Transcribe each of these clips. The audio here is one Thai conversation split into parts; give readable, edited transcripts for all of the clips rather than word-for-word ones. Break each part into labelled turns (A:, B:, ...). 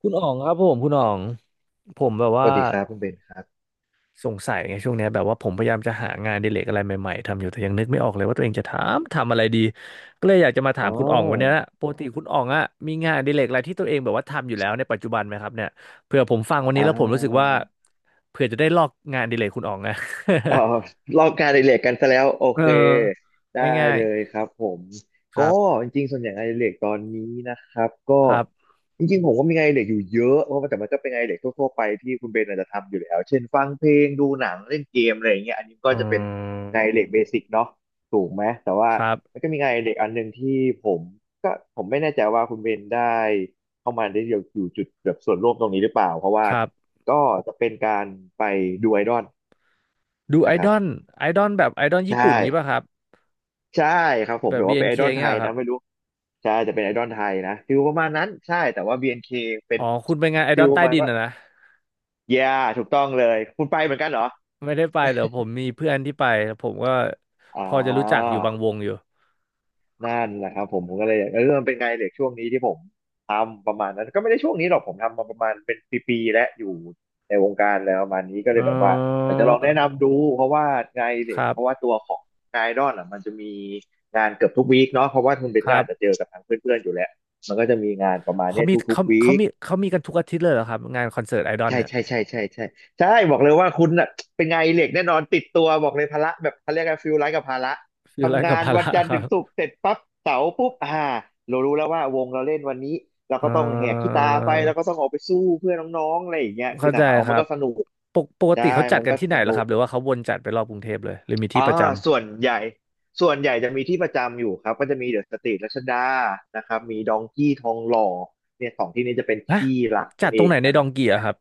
A: คุณอ๋องครับผมคุณอ๋องผมแบบ
B: ส
A: ว่า
B: วัสดีครับคุณเบนครับ
A: สงสัยไงช่วงเนี้ยแบบว่าผมพยายามจะหางานอดิเรกอะไรใหม่ๆทำอยู่แต่ยังนึกไม่ออกเลยว่าตัวเองจะทำอะไรดีก็เลยอยากจะมาถา
B: อ๋
A: ม
B: อ
A: คุณอ๋องวันเนี้ยนะปกติคุณอ๋องอะมีงานอดิเรกอะไรที่ตัวเองแบบว่าทำอยู่แล้วในปัจจุบันไหมครับเนี่ยเผื่อผมฟังวัน
B: อ่
A: นี้แล้วผมรู้สึกว่า
B: า
A: เผื่อจะได้ลอกงานอดิเรกคุณอ๋องนะ
B: อ๋อลองการอดิเรกกันซะแล้วโอ
A: เอ
B: เค
A: อ
B: ได้
A: ง่าย
B: เลยครับผม
A: ๆค
B: ก็
A: รับ
B: จริงๆส่วนใหญ่งานอดิเรกตอนนี้นะครับก็
A: ครับ
B: จริงๆผมก็มีงานอดิเรกอยู่เยอะเพราะว่าแต่มันก็เป็นงานอดิเรกทั่วๆไปที่คุณเบนอาจจะทำอยู่แล้วเช่นฟังเพลงดูหนังเล่นเกมอะไรอย่างเงี้ยอันนี้ก็
A: อื
B: จะเป็นงานอดิเร
A: ม
B: กเบสิกเนาะถูกไหมแต่ว่า
A: ครั
B: มัน
A: บ
B: ก็มีงานอดิเรกอันหนึ่งที่ผมก็ผมไม่แน่ใจว่าคุณเบนได้เข้ามาได้อยู่จุดแบบส่วนร่วมตรงนี้หรือเปล่าเพราะว่า
A: ครับ
B: ก็จะเป็นการไปดูไอดอล
A: ดูไอ
B: นะค
A: ด
B: รับ
A: อลไอดอลแบบไอดอล
B: ใช่
A: ญี่ปุ่นงี้ป่ะครับ
B: ใช่ครับผ
A: แบบ
B: มี๋ยว่าเป็นไอ
A: BNK
B: ดอ
A: เอ็
B: ล
A: นเค
B: ไท
A: เงี้ยเห
B: ย
A: รอค
B: นะ
A: รับ
B: ไม่รู้ใช่จะเป็นไอดอลไทยนะฟิลประมาณนั้นใช่แต่ว่า BNK เอ็นเคเป็
A: อ๋
B: น
A: อ คุณไปงานไอด
B: ฟิ
A: อ
B: ล
A: ล
B: ป
A: ใต้
B: ระมาณ
A: ดิน
B: ว่า
A: อะนะ
B: yeah ถูกต้องเลยคุณไปเหมือนกันเหรอ
A: ไม่ได้ไปเหรอผมมีเพื่อนที่ไปผมก็
B: อ๋
A: พ
B: อ
A: อจะรู้จักอยู่บางวงอยู่
B: นั่นแหละครับผมก็เลยอยากมันเป็นไงาดเหล็กช่วงนี้ที่ผมทำประมาณนั้นก็ไม่ได้ช่วงนี้หรอกผมทำมาประมาณเป็นปีๆและอยู่ในวงการแล้วประมาณนี้ก็เล
A: อ๋อ
B: ยแบบว่าอยากจะลองแนะนำดูเพราะว่างานอดิเห
A: ค
B: ล็ก
A: รั
B: เพราะว่า
A: บ
B: ตัวของงานไอดอลอ่ะมันจะมีงานเกือบทุกวีคเนาะเพราะว่าคุณเบ
A: ค
B: นก็
A: รั
B: อาจจะเจ
A: บ
B: อกับทางเพื่อนๆอยู่แล้วมันก็จะมีงานประมาณ
A: เขา
B: เนี้ย
A: มี
B: ทุก
A: เขา
B: ๆวี
A: เขา
B: ค
A: มีเขามีกันทุกอาทิตย์เลยเหรอครับงานคอนเสิร์ตไอดอล
B: ใช่
A: เนี่ย
B: ใช่ใช่ใช่ใช่ใช่บอกเลยว่าคุณน่ะเป็นไงานอดิเหล็กแน่นอนติดตัวบอกเลยภาระแบบเขาเรียกกันฟิลไลฟ์กับภาระ
A: ฟิลไล
B: ทำงา
A: กับ
B: น
A: ภา
B: วั
A: ระ
B: นจันท
A: ค
B: ร์
A: รั
B: ถึงศุก
A: บ
B: ร์เสร็จปั๊บเสาร์ปุ๊บอ่าเรารู้แล้วว่าวงเราเล่นวันนี้เราก็
A: เอ่
B: ต้องแหกขี้
A: อ
B: ตาไปแล้วก็ต้องออกไปสู้เพื่อน้องๆอะไรอย่างเงี้ยคือ
A: เข้า
B: แต่
A: ใจ
B: หาว่า
A: ค
B: มัน
A: รับ
B: ก็สนุก
A: ปกปก
B: ใช่
A: ติเขาจัด
B: มัน
A: กัน
B: ก็
A: ที่ไหน
B: ส
A: เหร
B: นุ
A: อครั
B: ก
A: บหรือว่าเขาวนจัดไปรอบกรุงเทพเลยหรือมีที่
B: อ่า
A: ประจ
B: ส่วนใหญ่ส่วนใหญ่จะมีที่ประจำอยู่ครับก็จะมีเดอะสตรีทรัชดานะครับมีดองกี้ทองหล่อเนี่ยสองที่นี้จะเป็น
A: ำฮะ
B: ที่หลัก
A: จั
B: นั่
A: ด
B: น
A: ต
B: เอ
A: รง
B: ง
A: ไหนใน
B: นะค
A: ด
B: รั
A: อ
B: บ
A: งเกียครับ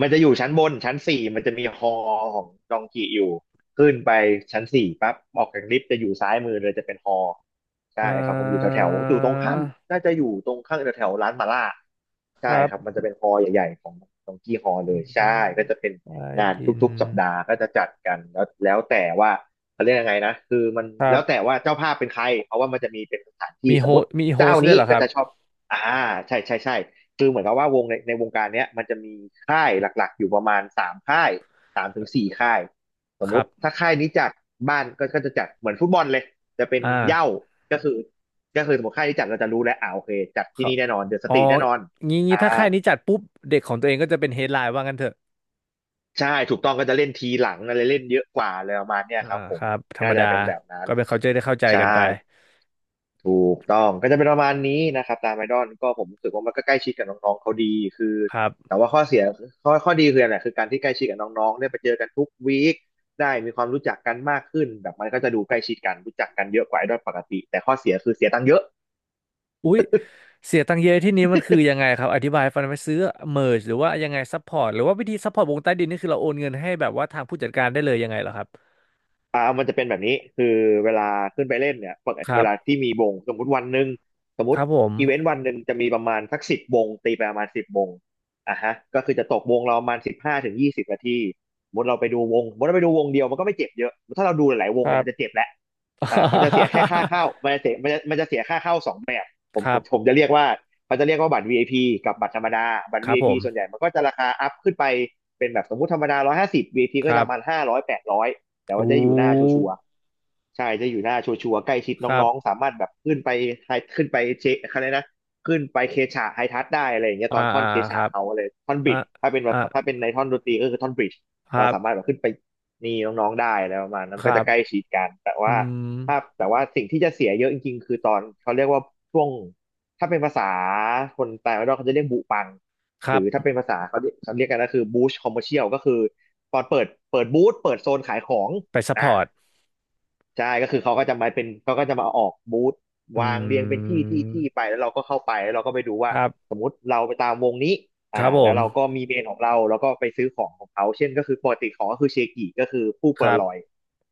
B: มันจะอยู่ชั้นบนชั้นสี่มันจะมีฮอของดองกิอยู่ขึ้นไปชั้นสี่ปั๊บออกจากลิฟต์จะอยู่ซ้ายมือเลยจะเป็นฮอใช่
A: เอ่
B: ครับผมอยู่แถว
A: อ
B: แถวอยู่ตรงข้ามน่าจะอยู่ตรงข้างแถวแถวร้านมาล่า
A: ค
B: ใช่
A: รับ
B: ครับมันจะเป็นฮอใหญ่ๆของดองกี้ฮอเลย
A: ด
B: ใช่
A: อง
B: ก็จะเป็น
A: ใต้
B: งาน
A: ดิน
B: ทุกๆสัปดาห์ก็จะจัดกันแล้วแล้วแต่ว่าเขาเรียกยังไงนะคือมัน
A: ครั
B: แล้วแต่
A: บ
B: ว่าเจ้าภาพเป็นใครเพราะว่ามันจะมีเป็นสถานที่
A: มี
B: ส
A: โฮ
B: มมติ
A: มีโฮ
B: เจ้า
A: สต์ด้ว
B: นี้
A: ยเหรอค
B: ก็
A: รับ
B: จะชอบอ่าใช่ใช่ใช่ คือเหมือนกับว่าวงในวงการเนี้ยมันจะมีค่ายหลักๆอยู่ประมาณ3 ค่าย3 ถึง 4 ค่ายสม
A: ค
B: มุ
A: รั
B: ติถ้า
A: บ
B: ค่ายนี้จัดบ้านก็จะจัดเหมือนฟุตบอลเลยจะเป็น
A: อ่า
B: เหย้าก็คือก็คือสมมติค่ายนี้จัดเราจะรู้แล้วอ่าโอเคจัด
A: ค
B: ที่
A: รับ
B: นี่แน่นอนเดอะส
A: อ๋อ
B: ตรีทแน่นอน
A: งี้
B: อ่า
A: ถ้าค่ายนี้จัดปุ๊บเด็กของตัวเองก็จะเป็นเฮดไลน์ว่างั้นเถอะ
B: ใช่ถูกต้องก็จะเล่นทีหลังอะไรเล่นเยอะกว่าอะไรประมาณเนี้ย
A: อ่า
B: ครับผ
A: ค
B: ม
A: รับธร
B: ก็
A: รม
B: จะ
A: ดา
B: เป็นแบบนั้น
A: ก็เป็น culture ได้เข้าใจ
B: ใช่
A: กันไป
B: ถูกต้องก็จะเป็นประมาณนี้นะครับตามไอดอลก็ผมรู้สึกว่ามันก็ใกล้ชิดกับน้องๆเขาดีคือ
A: ครับ
B: แต่ว่าข้อเสียข้อดีคืออะไรคือการที่ใกล้ชิดกับน้องๆได้ไปเจอกันทุกวีคได้มีความรู้จักกันมากขึ้นแบบมันก็จะดูใกล้ชิดกันรู้จักกันเยอะกว่าไอดอลปกติแต่ข้อเสียคือเสียตังค์เยอะ
A: อุ๊ยเสียตังค์เยอะที่นี้มันคือยังไงครับอธิบายให้ฟังหน่อยไหมซื้อเม r ร์หรือว่ายังไงซัพพอร์ตหรือว่าวิธีซัพพอร์ตวงใต้ดินนี่คือเราโอนเงินให้แบบว่าทางผู้จัดการได้เลยยังไงเหรอครับ
B: อ่ามันจะเป็นแบบนี้คือเวลาขึ้นไปเล่นเนี่ยปก
A: ค
B: ติ
A: รั
B: เวลา
A: บ
B: ที่มีวงสมมติวันหนึ่งสมม
A: ครั
B: ติ
A: บผม
B: อีเวนต์วันหนึ่งจะมีประมาณสักสิบวงตีไปประมาณสิบวงอ่ะฮะก็คือจะตกวงเราประมาณ15 ถึง 20 นาทีสมมติเราไปดูวงสมมติเราไปดูวงเดียวมันก็ไม่เจ็บเยอะถ้าเราดูหลายๆว
A: ค
B: ง
A: รั
B: เนี่ยมันจะ
A: บ
B: เจ็บแหละอ่ามันจะเสียแค่ค่าเข้ามันจะเสียมันจะเสียค่าเข้าสองแบบผ
A: ค
B: มผ
A: รั
B: มผม
A: บ
B: จะเรียกว่าเขาจะเรียกว่าบัตรวีไอ i ีกับบัตรธรรมดาบัต
A: ค
B: ร
A: รับผ
B: VIP ส่วนให
A: ม
B: ญ่มันก็จะราคาอัพขึ้นไปเป็นแบบสมมุติธรรมดา150วีไอ i ี
A: ค
B: ก็
A: รั
B: จะประมาณ
A: บ
B: 500 800 แต่ว่า
A: อู้
B: จะอยู่หน้าชัวร์ๆใช่ จะอยู่หน้าชัวร์ๆใกล้ชิด
A: ครับ
B: น้องๆ สามารถแบบขึ้นไปไฮขึ้นไปเชคอะไรนะขึ้นไปเคชะไฮทัชได้อะไรอย่างเงี้ย
A: อ่า
B: ตอนท่อ
A: อ่า
B: นเค
A: ค
B: ชะ
A: รับ
B: เขาอะไรท่อน
A: อ่ะ
B: บิด
A: อ่ะ
B: ถ้าเป็นในท่อนดนตรีก็คือท่อนบริดจ์
A: ค
B: เรา
A: รับ
B: สามารถแบบขึ้นไปนี่น้องๆได้แล้วประมาณนั้
A: ค
B: นก็
A: รั
B: จะ
A: บ
B: ใกล้ชิดกันแต่
A: อื
B: ว่า
A: ม
B: แต่ว่าสิ่งที่จะเสียเยอะจริงๆคือตอนเขาเรียกว่าช่วงถ้าเป็นภาษาคนต่างประเทศเขาจะเรียกบุปัง
A: ค
B: ห
A: รั
B: รือถ้าเป็
A: บ
B: นภาษาเขาเรียกกันก็คือบูชคอมเมอร์เชียลก็คือ ตอนเปิดบูธเปิดโซนขายของ
A: ไปซัพพ
B: อ่า
A: อร์ต
B: ใช่ก็คือเขาก็จะมาออกบูธ
A: อื
B: วางเรียงเป็นที่ ที่ ที่ไป
A: ม
B: แล้วเราก็เข้าไปแล้วเราก็ไปดู
A: ค
B: ว่า
A: รับ
B: สมมุติเราไปตามวงนี้
A: ครั
B: อ่า
A: บผ
B: แล้ว
A: ม
B: เราก็มีเมนของเราแล้วก็ไปซื้อของของเขา เช่นก็คือปกติของก็คือเชกิก็คือผู้
A: ค
B: โพ
A: รั
B: ลา
A: บ
B: รอยด์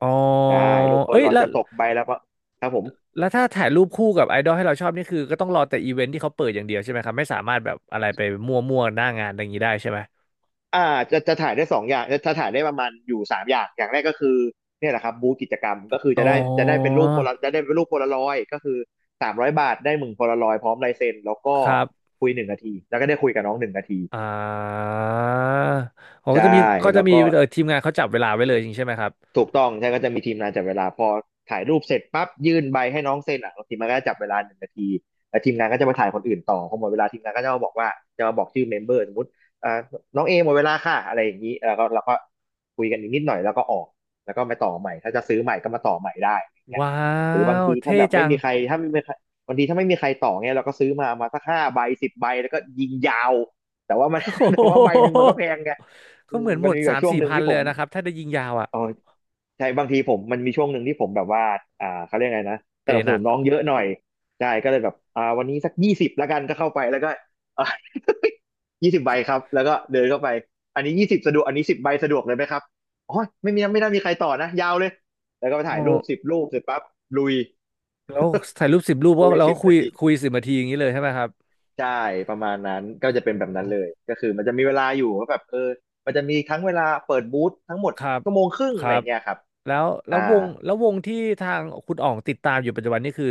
A: อ๋อ
B: ได้รูปโพ
A: เอ้
B: ลา
A: ย
B: รอยด์
A: แล้ว
B: จะตกใบแล้วครับผม
A: แล้วถ้าถ่ายรูปคู่กับไอดอลให้เราชอบนี่คือก็ต้องรอแต่อีเวนท์ที่เขาเปิดอย่างเดียวใช่ไหมครับ ไม่สามารถแบบอะไรไปมั่วๆหน้างานอะไรอย่างนี้ได้ใช่ไหม
B: อ่าจะถ่ายได้สองอย่างจะถ่ายได้ประมาณอยู่สามอย่างอย่างแรกก็คือเนี่ยแหละครับบูธกิจกรรมก็คือ
A: อ๋อ
B: จะได้เป็นรูปโพลารอยด์ก็คือสามร้อยบาทได้หนึ่งโพลารอยด์พร้อมลายเซ็นแล้วก็
A: ครับ
B: คุยหนึ่งนาทีแล้วก็ได้คุยกับน้องหนึ่งนาที
A: อ่าเขาก็
B: ใช่
A: จะมีเขา
B: แล้
A: จะ
B: ว
A: มี
B: ก็
A: ทีมงานเขาจับเวลาไว้เลยจริงใช่ไหมครับ
B: ถูกต้องใช่ก็จะมีทีมงานจับเวลาพอถ่ายรูปเสร็จปั๊บยื่นใบให้น้องเซ็นอ่ะทีมงานก็จะจับเวลาหนึ่งนาทีแล้วทีมงานก็จะมาถ่ายคนอื่นต่อพอหมดเวลาทีมงานก็จะมาบอกว่าจะมาบอกชื่อเมมเบอร์สมมติอ่าน้องเอหมดเวลาค่ะอะไรอย่างนี้แล้วก็เราก็คุยกันอีกนิดหน่อยแล้วก็ออกแล้วก็มาต่อใหม่ถ้าจะซื้อใหม่ก็มาต่อใหม่ได้อะไรอย่างเงี้ย
A: ว้า
B: หรือบาง
A: ว
B: ทีถ้า
A: เท่
B: แบบ
A: จั
B: ไม่
A: ง
B: มีใครถ้าไม่มีใครบางทีถ้าไม่มีใครต่อเงี้ยเราก็ซื้อมาสักห้าใบสิบใบแล้วก็ยิงยาวแต่ว่ามัน
A: โอ้ โ
B: แต่ว่าใบห
A: ห
B: นึ่งมันก็แพงไง
A: ก็
B: อื
A: เห
B: ม
A: มือนห
B: มั
A: ม
B: น
A: ด
B: มีแบ
A: สา
B: บ
A: ม
B: ช่วง
A: สี่
B: หนึ่ง
A: พัน
B: ที่
A: เล
B: ผ
A: ย
B: ม
A: นะครับถ้าได้ยิงยาวอ่ะ
B: เออ ใช่บางทีผมมันมีช่วงหนึ่งที่ผมแบบว่าเขาเรียกไงนะ
A: เป
B: สนับส
A: ห
B: นุ
A: นั
B: น
A: ก
B: น้องเยอะหน่อยใช่ก็เลยแบบอ่าวันนี้สักยี่สิบละกันก็เข้าไปแล้วก็ ยี่สิบ ใบครับแล้วก็เดินเข้าไปอันนี้ยี่สิบสะดวกอันนี้สิบใบสะดวกเลยไหมครับอ๋อไม่ได้มีใครต่อนะยาวเลยแล้วก็ไป
A: โอ
B: ถ่ายรูปสิ
A: ้
B: บรูปเสร็จปั๊บลุย
A: แล้วถ่ายรูป10 รูป ก็
B: คุย
A: เรา
B: สิ
A: ก็
B: บ
A: คุ
B: นา
A: ย
B: ที
A: คุย10 นาทีอย่างนี้เลยใช่ไหมครับ
B: ใช่ประมาณนั้นก็จะ
A: โอ้
B: เป็นแบ
A: โห
B: บนั้นเลยก็คือมันจะมีเวลาอยู่ว่าแบบเออมันจะมีทั้งเวลาเปิดบูธทั้งหมด
A: ครับ
B: ชั่วโมงครึ่ง
A: ค
B: อะ
A: รั
B: ไร
A: บ
B: เงี้ยครับ
A: แล้วแล้
B: อ่า
A: ววงแล้ววงที่ทางคุณอ๋องติดตามอยู่ปัจจุบันนี่คือ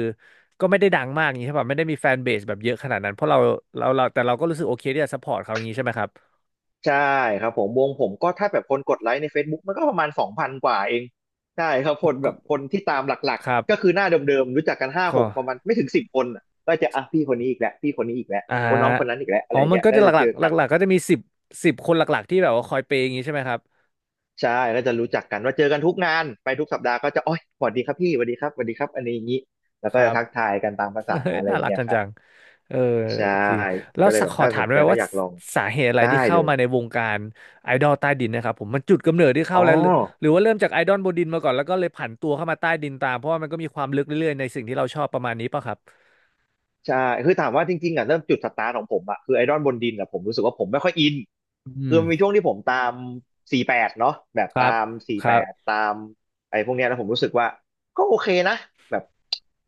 A: ก็ไม่ได้ดังมากอย่างนี้ใช่ป่ะไม่ได้มีแฟนเบสแบบเยอะขนาดนั้นเพราะเราแต่เราก็รู้สึกโอเคที่จะซัพพอร์ตเขาอย่างนี้ใช่ไหมครับ
B: ใช่ครับผมวงผมก็ถ้าแบบคนกดไลค์ใน Facebook มันก็ประมาณสองพันกว่าเองใช่ครับคน
A: ก็
B: แบบคนที่ตามหลัก
A: ครั
B: ๆก็
A: บ
B: คือหน้าเดิมๆรู้จักกันห้าห
A: ก็
B: กประมาณไม่ถึงสิบคนน่ะก็จะอ่ะพี่คนนี้อีกแล้วพี่คนนี้อีกแล้ว
A: อ่า
B: โอ้น้องคนนั้นอีกแล้วอะ
A: อ๋อ
B: ไร
A: มัน
B: เงี้ย
A: ก็
B: แล้
A: จะ
B: ว
A: ห
B: จะ
A: ลั
B: เจ
A: ก
B: อ
A: ๆห
B: กัน
A: ลักๆก็จะมีสิบคนหลักๆที่แบบว่าคอยเปย์อย่างนี้ใช่ไหมครับ
B: ใช่ก็จะรู้จักกันว่าเจอกันทุกงานไปทุกสัปดาห์ก็จะโอ้ยสวัสดีครับพี่สวัสดีครับสวัสดีครับอันนี้อย่างนี้แล้
A: ค
B: วก็
A: รั
B: จะ
A: บ
B: ทักทายกันตามภาษา
A: เฮ้ย
B: อะไร
A: น่า
B: อย่าง
A: รัก
B: เงี้ย
A: กัน
B: ครั
A: จั
B: บ
A: งเออ
B: ใช่
A: จริงแล้
B: ก็
A: ว
B: เลย
A: สัก
B: แบบ
A: ขอ
B: ถ้า
A: ถา
B: ส
A: ม
B: น
A: ได้
B: ใจ
A: ไหม
B: ก็
A: ว่า
B: อยากลอง
A: สาเหตุอะไร
B: ได้
A: ที่เข้า
B: เลย
A: มาในวงการไอดอลใต้ดินนะครับผมมันจุดกำเนิดที่เข้า
B: อ๋อ
A: แล้วหรือหรือว่าเริ่มจากไอดอลบนดินมาก่อนแล้วก็เลยผันตัวเข้ามาใต้ดินตามเพราะว่ามันก็มีความลึกเรื่อยๆในสิ่งที่เราชอบประมาณนี้ป่ะครับ
B: ใช่คือถามว่าจริงๆอ่ะเริ่มจุดสตาร์ทของผมอ่ะคือไอดอลบนดินอ่ะผมรู้สึกว่าผมไม่ค่อยอินคื
A: อืม
B: อมันมีช่วงที่ผมตามสี่แปดเนาะแบบ
A: ครับ
B: ตามสี่
A: ครั
B: แปด
A: บ
B: ตามไอ้พวกเนี้ยแล้วผมรู้สึกว่าก็โอเคนะแบบ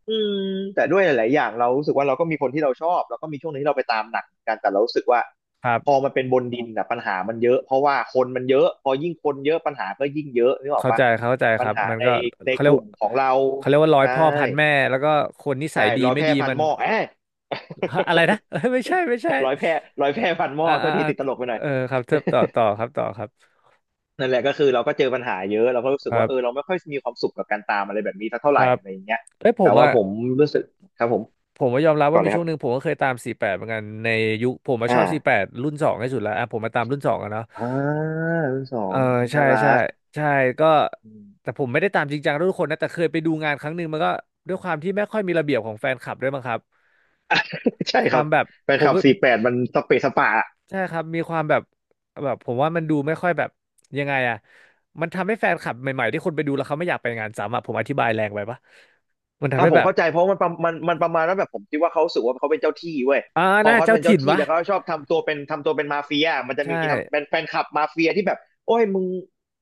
B: อืมแต่ด้วยหลายๆอย่างเรารู้สึกว่าเราก็มีคนที่เราชอบแล้วก็มีช่วงหนึงที่เราไปตามหนักเหมือนกันแต่เรารู้สึกว่า
A: ครั
B: พอ
A: บ
B: มันเป็นบนดินอ่ะปัญหามันเยอะเพราะว่าคนมันเยอะพอยิ่งคนเยอะปัญหาก็ยิ่งเยอะนึกออก
A: เข้า
B: ปะ
A: ใจเข้าใจ
B: ปั
A: ค
B: ญ
A: รับ
B: หา
A: มัน
B: ใน
A: ก็เขาเรี
B: ก
A: ยก
B: ลุ่มของเรา
A: เขาเรียกว่าร้อย
B: ใช่
A: พ่อพันแม่แล้วก็คนนิ
B: ใช่
A: สัยดี
B: ร้อย
A: ไม่
B: แพร่
A: ดี
B: พัน
A: มัน
B: หม้อเอ้ย
A: ฮะอะไรนะเอ้ย ไม่ใช่ไม่ใช่
B: ร้อยแพร่ร้อย
A: เออ
B: แพร่พันหม้อ
A: อ่า
B: โท
A: อ่า
B: ษที
A: อ่า
B: ติดตลกไปหน่อย
A: เออครับเทิบต่อครับต่อครั
B: นั่นแหละก็คือเราก็เจอปัญหาเยอะเราก็รู้สึกว่า
A: บ
B: เออเราไม่ค่อยมีความสุขกับการตามอะไรแบบนี้สักเท่า
A: ค
B: ไหร่
A: รับ
B: อะไรอย่างเงี้ย
A: เอ้ยผ
B: แต่
A: ม
B: ว่า
A: อะ
B: ผมรู้สึกครับผม
A: ผมก็ยอมรับ
B: ก่อ
A: ว่า
B: น
A: มี
B: เลยค
A: ช่ว
B: รับ
A: งหนึ่งผมก็เคยตามสี่สิบแปดเหมือนกันในยุคผมมาชอบสี่สิบแป
B: อ่า
A: ดรุ่นสองที่สุดแล้วอ่ะผมมาตามรุ่นสองอะเนาะ
B: อ่ารุ่นสอ
A: เออ
B: ง
A: ใช่
B: น่ารั
A: ใช่
B: ก
A: ใช่ก็
B: อืม
A: แต่ผมไม่ได้ตามจริงจังทุกคนนะแต่เคยไปดูงานครั้งหนึ่งมันก็ด้วยความที่ไม่ค่อยมีระเบียบของแฟนคลับด้วยมั้งครับ
B: ใช่
A: ค
B: ค
A: วา
B: รับ
A: มแบบ
B: แฟน
A: ผ
B: ค
A: ม
B: ลับสี่แปดมันสเปซสปะ
A: ใช่ครับมีความแบบแบบผมว่ามันดูไม่ค่อยแบบยังไงอะมันทำให้แฟนคลับใหม่ๆที่คนไปดูแล้วเขาไม่อยากไปงานซ้ำอะผมอธิบายแรงไปปะมันทำ
B: อ่ะ
A: ให้
B: ผม
A: แบบ
B: เข้าใจเพราะมันมันประมาณว่าแบบผมคิดว่าเขารู้สึกว่าเขาเป็นเจ้าที่เว้ย
A: อ่า
B: พอ
A: น่า
B: เขา
A: เจ้า
B: เป็นเจ้า
A: ถิ่น
B: ที่
A: วะ
B: แล้วเขาชอบทำตัวเป็นมาเฟียมันจะ
A: ใช่
B: มีทำเป็นแฟนคลับมาเฟียที่แบบโอ้ยมึง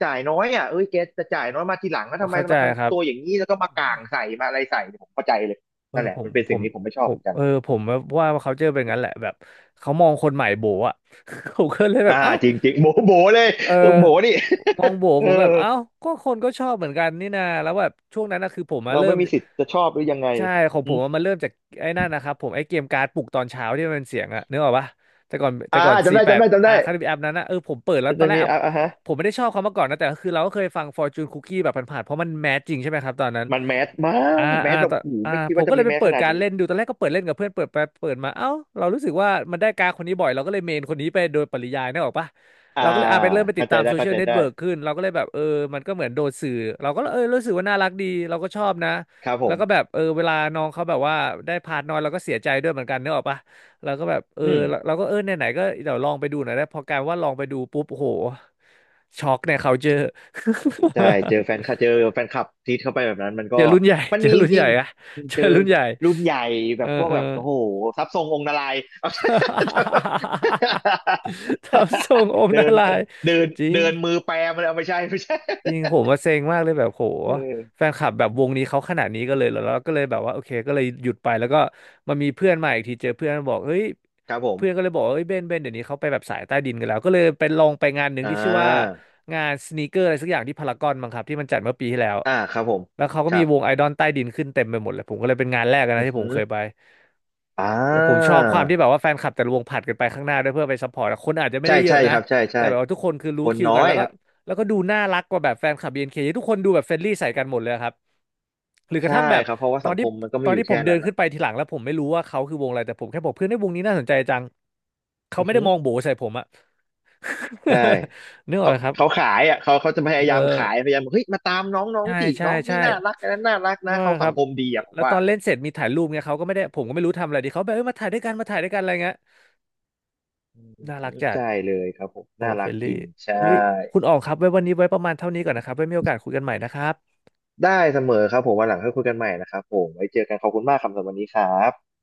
B: จ่ายน้อยอ่ะเอ้ยแกจะจ่ายน้อยมาทีหลังแล้วทำไม
A: เข้าใจ
B: มา
A: ครั
B: ทำตัวอ
A: บ
B: ย่างนี้แล้วก็มาก่างใส่มาอะไรใส่ผมเข้าใจเลย
A: เออ
B: นั่นแห
A: ผ
B: ละ
A: ม
B: มันเป็น
A: ผ
B: สิ่ง
A: ม
B: ที่ผมไม่ช
A: ผ
B: อบเห
A: ม
B: มือนกัน
A: เออผมว่าเขาเจอเป็นงั้นแหละแบบเขามองคนใหม่โบออะ ผมก็เลยแบบ
B: อ่า
A: เอ้า
B: จริงจริงโบโบเลย
A: เอ
B: เออ
A: อ
B: โบนี่
A: มองโบ
B: เออ
A: ผมแบบเอ้าก็คนก็ชอบเหมือนกันนี่นาแล้วแบบช่วงนั้นนะคือผมมา
B: เรา
A: เริ่
B: ไม่
A: ม
B: มีสิทธิ์จะชอบหรือยังไง
A: ใช่ของ
B: อ
A: ผมอะมันเริ่มจากไอ้นั่นนะครับผมไอ้เกมการ์ดปลุกตอนเช้าที่มันเป็นเสียงอะนึกออกปะแต่ก่อนแต่
B: อ่า
A: ก่อน
B: จำได้จำ
A: 48
B: ได้จำ
A: อ่ะ
B: ได้
A: คาริบแอปนั้นนะผมเปิดแล้วตอ
B: จะ
A: นแรก
B: มี
A: อะ
B: อ่ะอ่ะฮะ
A: ผมไม่ได้ชอบเขามาก่อนนะแต่ก็คือเราก็เคยฟัง Fortune Cookie แบบผ่านๆเพราะมันแมสจริงใช่ไหมครับตอนนั้น
B: มันแมสมา
A: อ่า
B: กแม
A: อ่า
B: สแบ
A: ต
B: บ
A: อน
B: โอ้โห
A: อ่า
B: ไม่คิด
A: ผม
B: ว่า
A: ก็
B: จะ
A: เล
B: มี
A: ยไป
B: แมส
A: เปิ
B: ข
A: ด
B: นาด
A: การ
B: นี้
A: เล่นดูตอนแรกก็เปิดเล่นกับเพื่อนเปิดไปเปิดมาเอ้าเรารู้สึกว่ามันได้การดคนนี้บ่อยเราก็เลยเมนคนนี้ไปโดยปริยายนึกออกปะ
B: อ่า
A: เราก็เลยไปเริ่มไปติ
B: เข้า
A: ด
B: ใจ
A: ตาม
B: ได้
A: โซเชี
B: เข้า
A: ยล
B: ใจ
A: เน็ต
B: ได้
A: เวิร์กขึ้นเราก็เลยแบบมันก็เหมือนโดนสื่อเราก็เออรู้สึกว่าน่ารักดีเราก็ชอบนะ
B: ครับผ
A: แล้ว
B: ม
A: ก็แบบเออเวลาน้องเขาแบบว่าได้พาร์ทน้อยเราก็เสียใจด้วยเหมือนกันนึกออกปะเราก็แบบเออ
B: อืม
A: เราก็เออไหนๆก็เดี๋ยวลองไปดูหน่อยได้พอกลายว่าลองไปดูปุ๊บโอ้โหช็อกเนี่ยเขาเจอ
B: ใช่เจอแฟนคลับทีทเข้าไปแบบนั้นมันก็
A: เจอรุ่นใหญ่
B: มัน
A: เจอ
B: มีจ
A: รุ่นให
B: ริ
A: ญ่
B: ง
A: อะเจ
B: ๆ
A: อ
B: เจอ
A: รุ่นใหญ่
B: รุ่นใหญ่แบ
A: เออ
B: บพวก
A: เออ
B: แบบโอ้โหทรัพย์ทรงองค์นารายณ์
A: ทำทรงองค์
B: เดิ
A: นา
B: น
A: รายณ์
B: เดิน
A: จริง
B: เดินมือแปรมันเอาไม่ใช่ไม่ใช่
A: จริงผมมาเซ็งมากเลยแบบโห
B: เออ
A: แฟนคลับแบบวงนี้เขาขนาดนี้ก็เลยเหรอแล้วก็เลยแบบว่าโอเคก็เลยหยุดไปแล้วก็มามีเพื่อนมาอีกทีเจอเพื่อนบอกเฮ้ย
B: ครับผม
A: เพื่อนก็เลยบอกว่าเฮ้ยเบนเบนเดี๋ยวนี้เขาไปแบบสายใต้ดินกันแล้วก็เลยไปลองไปงานหนึ่ง
B: อ่
A: ที่ชื่อว่า
B: า
A: งานสนีกเกอร์อะไรสักอย่างที่พารากอนมั้งครับที่มันจัดเมื่อปีที่แล้ว
B: อ่าครับผม
A: แล้วเขาก็
B: ครั
A: มี
B: บ
A: วงไอดอลใต้ดินขึ้นเต็มไปหมดเลยผมก็เลยเป็นงานแรกนะ
B: อือ
A: ที่ผ
B: หื
A: ม
B: อ
A: เคยไป
B: อ่
A: แล้วผมช
B: า
A: อบความที่แบบว่าแฟนคลับแต่ละวงผลัดกันไปข้างหน้าด้วยเพื่อไปซัพพอร์ตอะคนอาจจะไม่
B: ใช่
A: ได้เยอะ
B: ใช่
A: นะ
B: ครับใช่
A: แต่
B: ใช่
A: แบบว่าทุกคนคือ
B: ค
A: รู้
B: น
A: คิว
B: น้อ
A: กัน
B: ย
A: แล้ว
B: ค
A: ก็
B: รับ
A: แล้วก็ดูน่ารักกว่าแบบแฟนคลับ BNK ทุกคนดูแบบเฟรนลี่ใส่กันหมดเลยครับหรือกระ
B: ใช่
A: ทั่งแบบ
B: ครับเพราะว่า
A: ตอ
B: สั
A: น
B: งค
A: ที่
B: มมันก็
A: ต
B: ไม่
A: อน
B: อยู่
A: ที่ผ
B: แค่
A: มเดิ
B: นั้
A: น
B: นนะ
A: ขึ้นไปทีหลังแล้วผมไม่รู้ว่าเขาคือวงอะไรแต่ผมแค่บอกเพื่อนให้ยวงนี้น่าสนใจจังเขา
B: อือ
A: ไม่ได้
B: หือ
A: มองโบใส่ผมอะ
B: ใช่
A: นึกออก
B: เขา
A: ไหมครับ
B: เขาขายอ่ะเขาจะพยา
A: เออ
B: ยามขายพยายามบอกเฮ้ยมาตามน้องน้อง
A: ใช่
B: สิ
A: ใช่
B: น้องนี่
A: ใช่
B: น่ารักอันนั้นน่ารักนะ
A: ว่า
B: เขา
A: ค
B: สั
A: รั
B: ง
A: บ
B: คมดีอ่ะผม
A: แล้วต
B: ว่า
A: อนเล่นเสร็จมีถ่ายรูปเงี้ยเขาก็ไม่ได้ผมก็ไม่รู้ทำอะไรดีเขาแบบเออมาถ่ายด้วยกันมาถ่ายด้วยกันอะไรเงี้ย
B: อืม
A: น่ารักจัด
B: ใช่เลยครับผม
A: โอ้
B: น่า
A: เฟ
B: รั
A: ล
B: ก
A: น
B: จ
A: ลี่
B: ริงใช่
A: เอ้ยคุณออกครับไว้วันนี้ไว้ประมาณเท่านี้ก่อนนะครับไว้มีโอกาสคุยกันใหม่นะครับ
B: ได้เสมอครับผมวันหลังค่อยคุยกันใหม่นะครับผมไว้เจอกันขอบคุณมากครับสำหรับวันนี้ครับ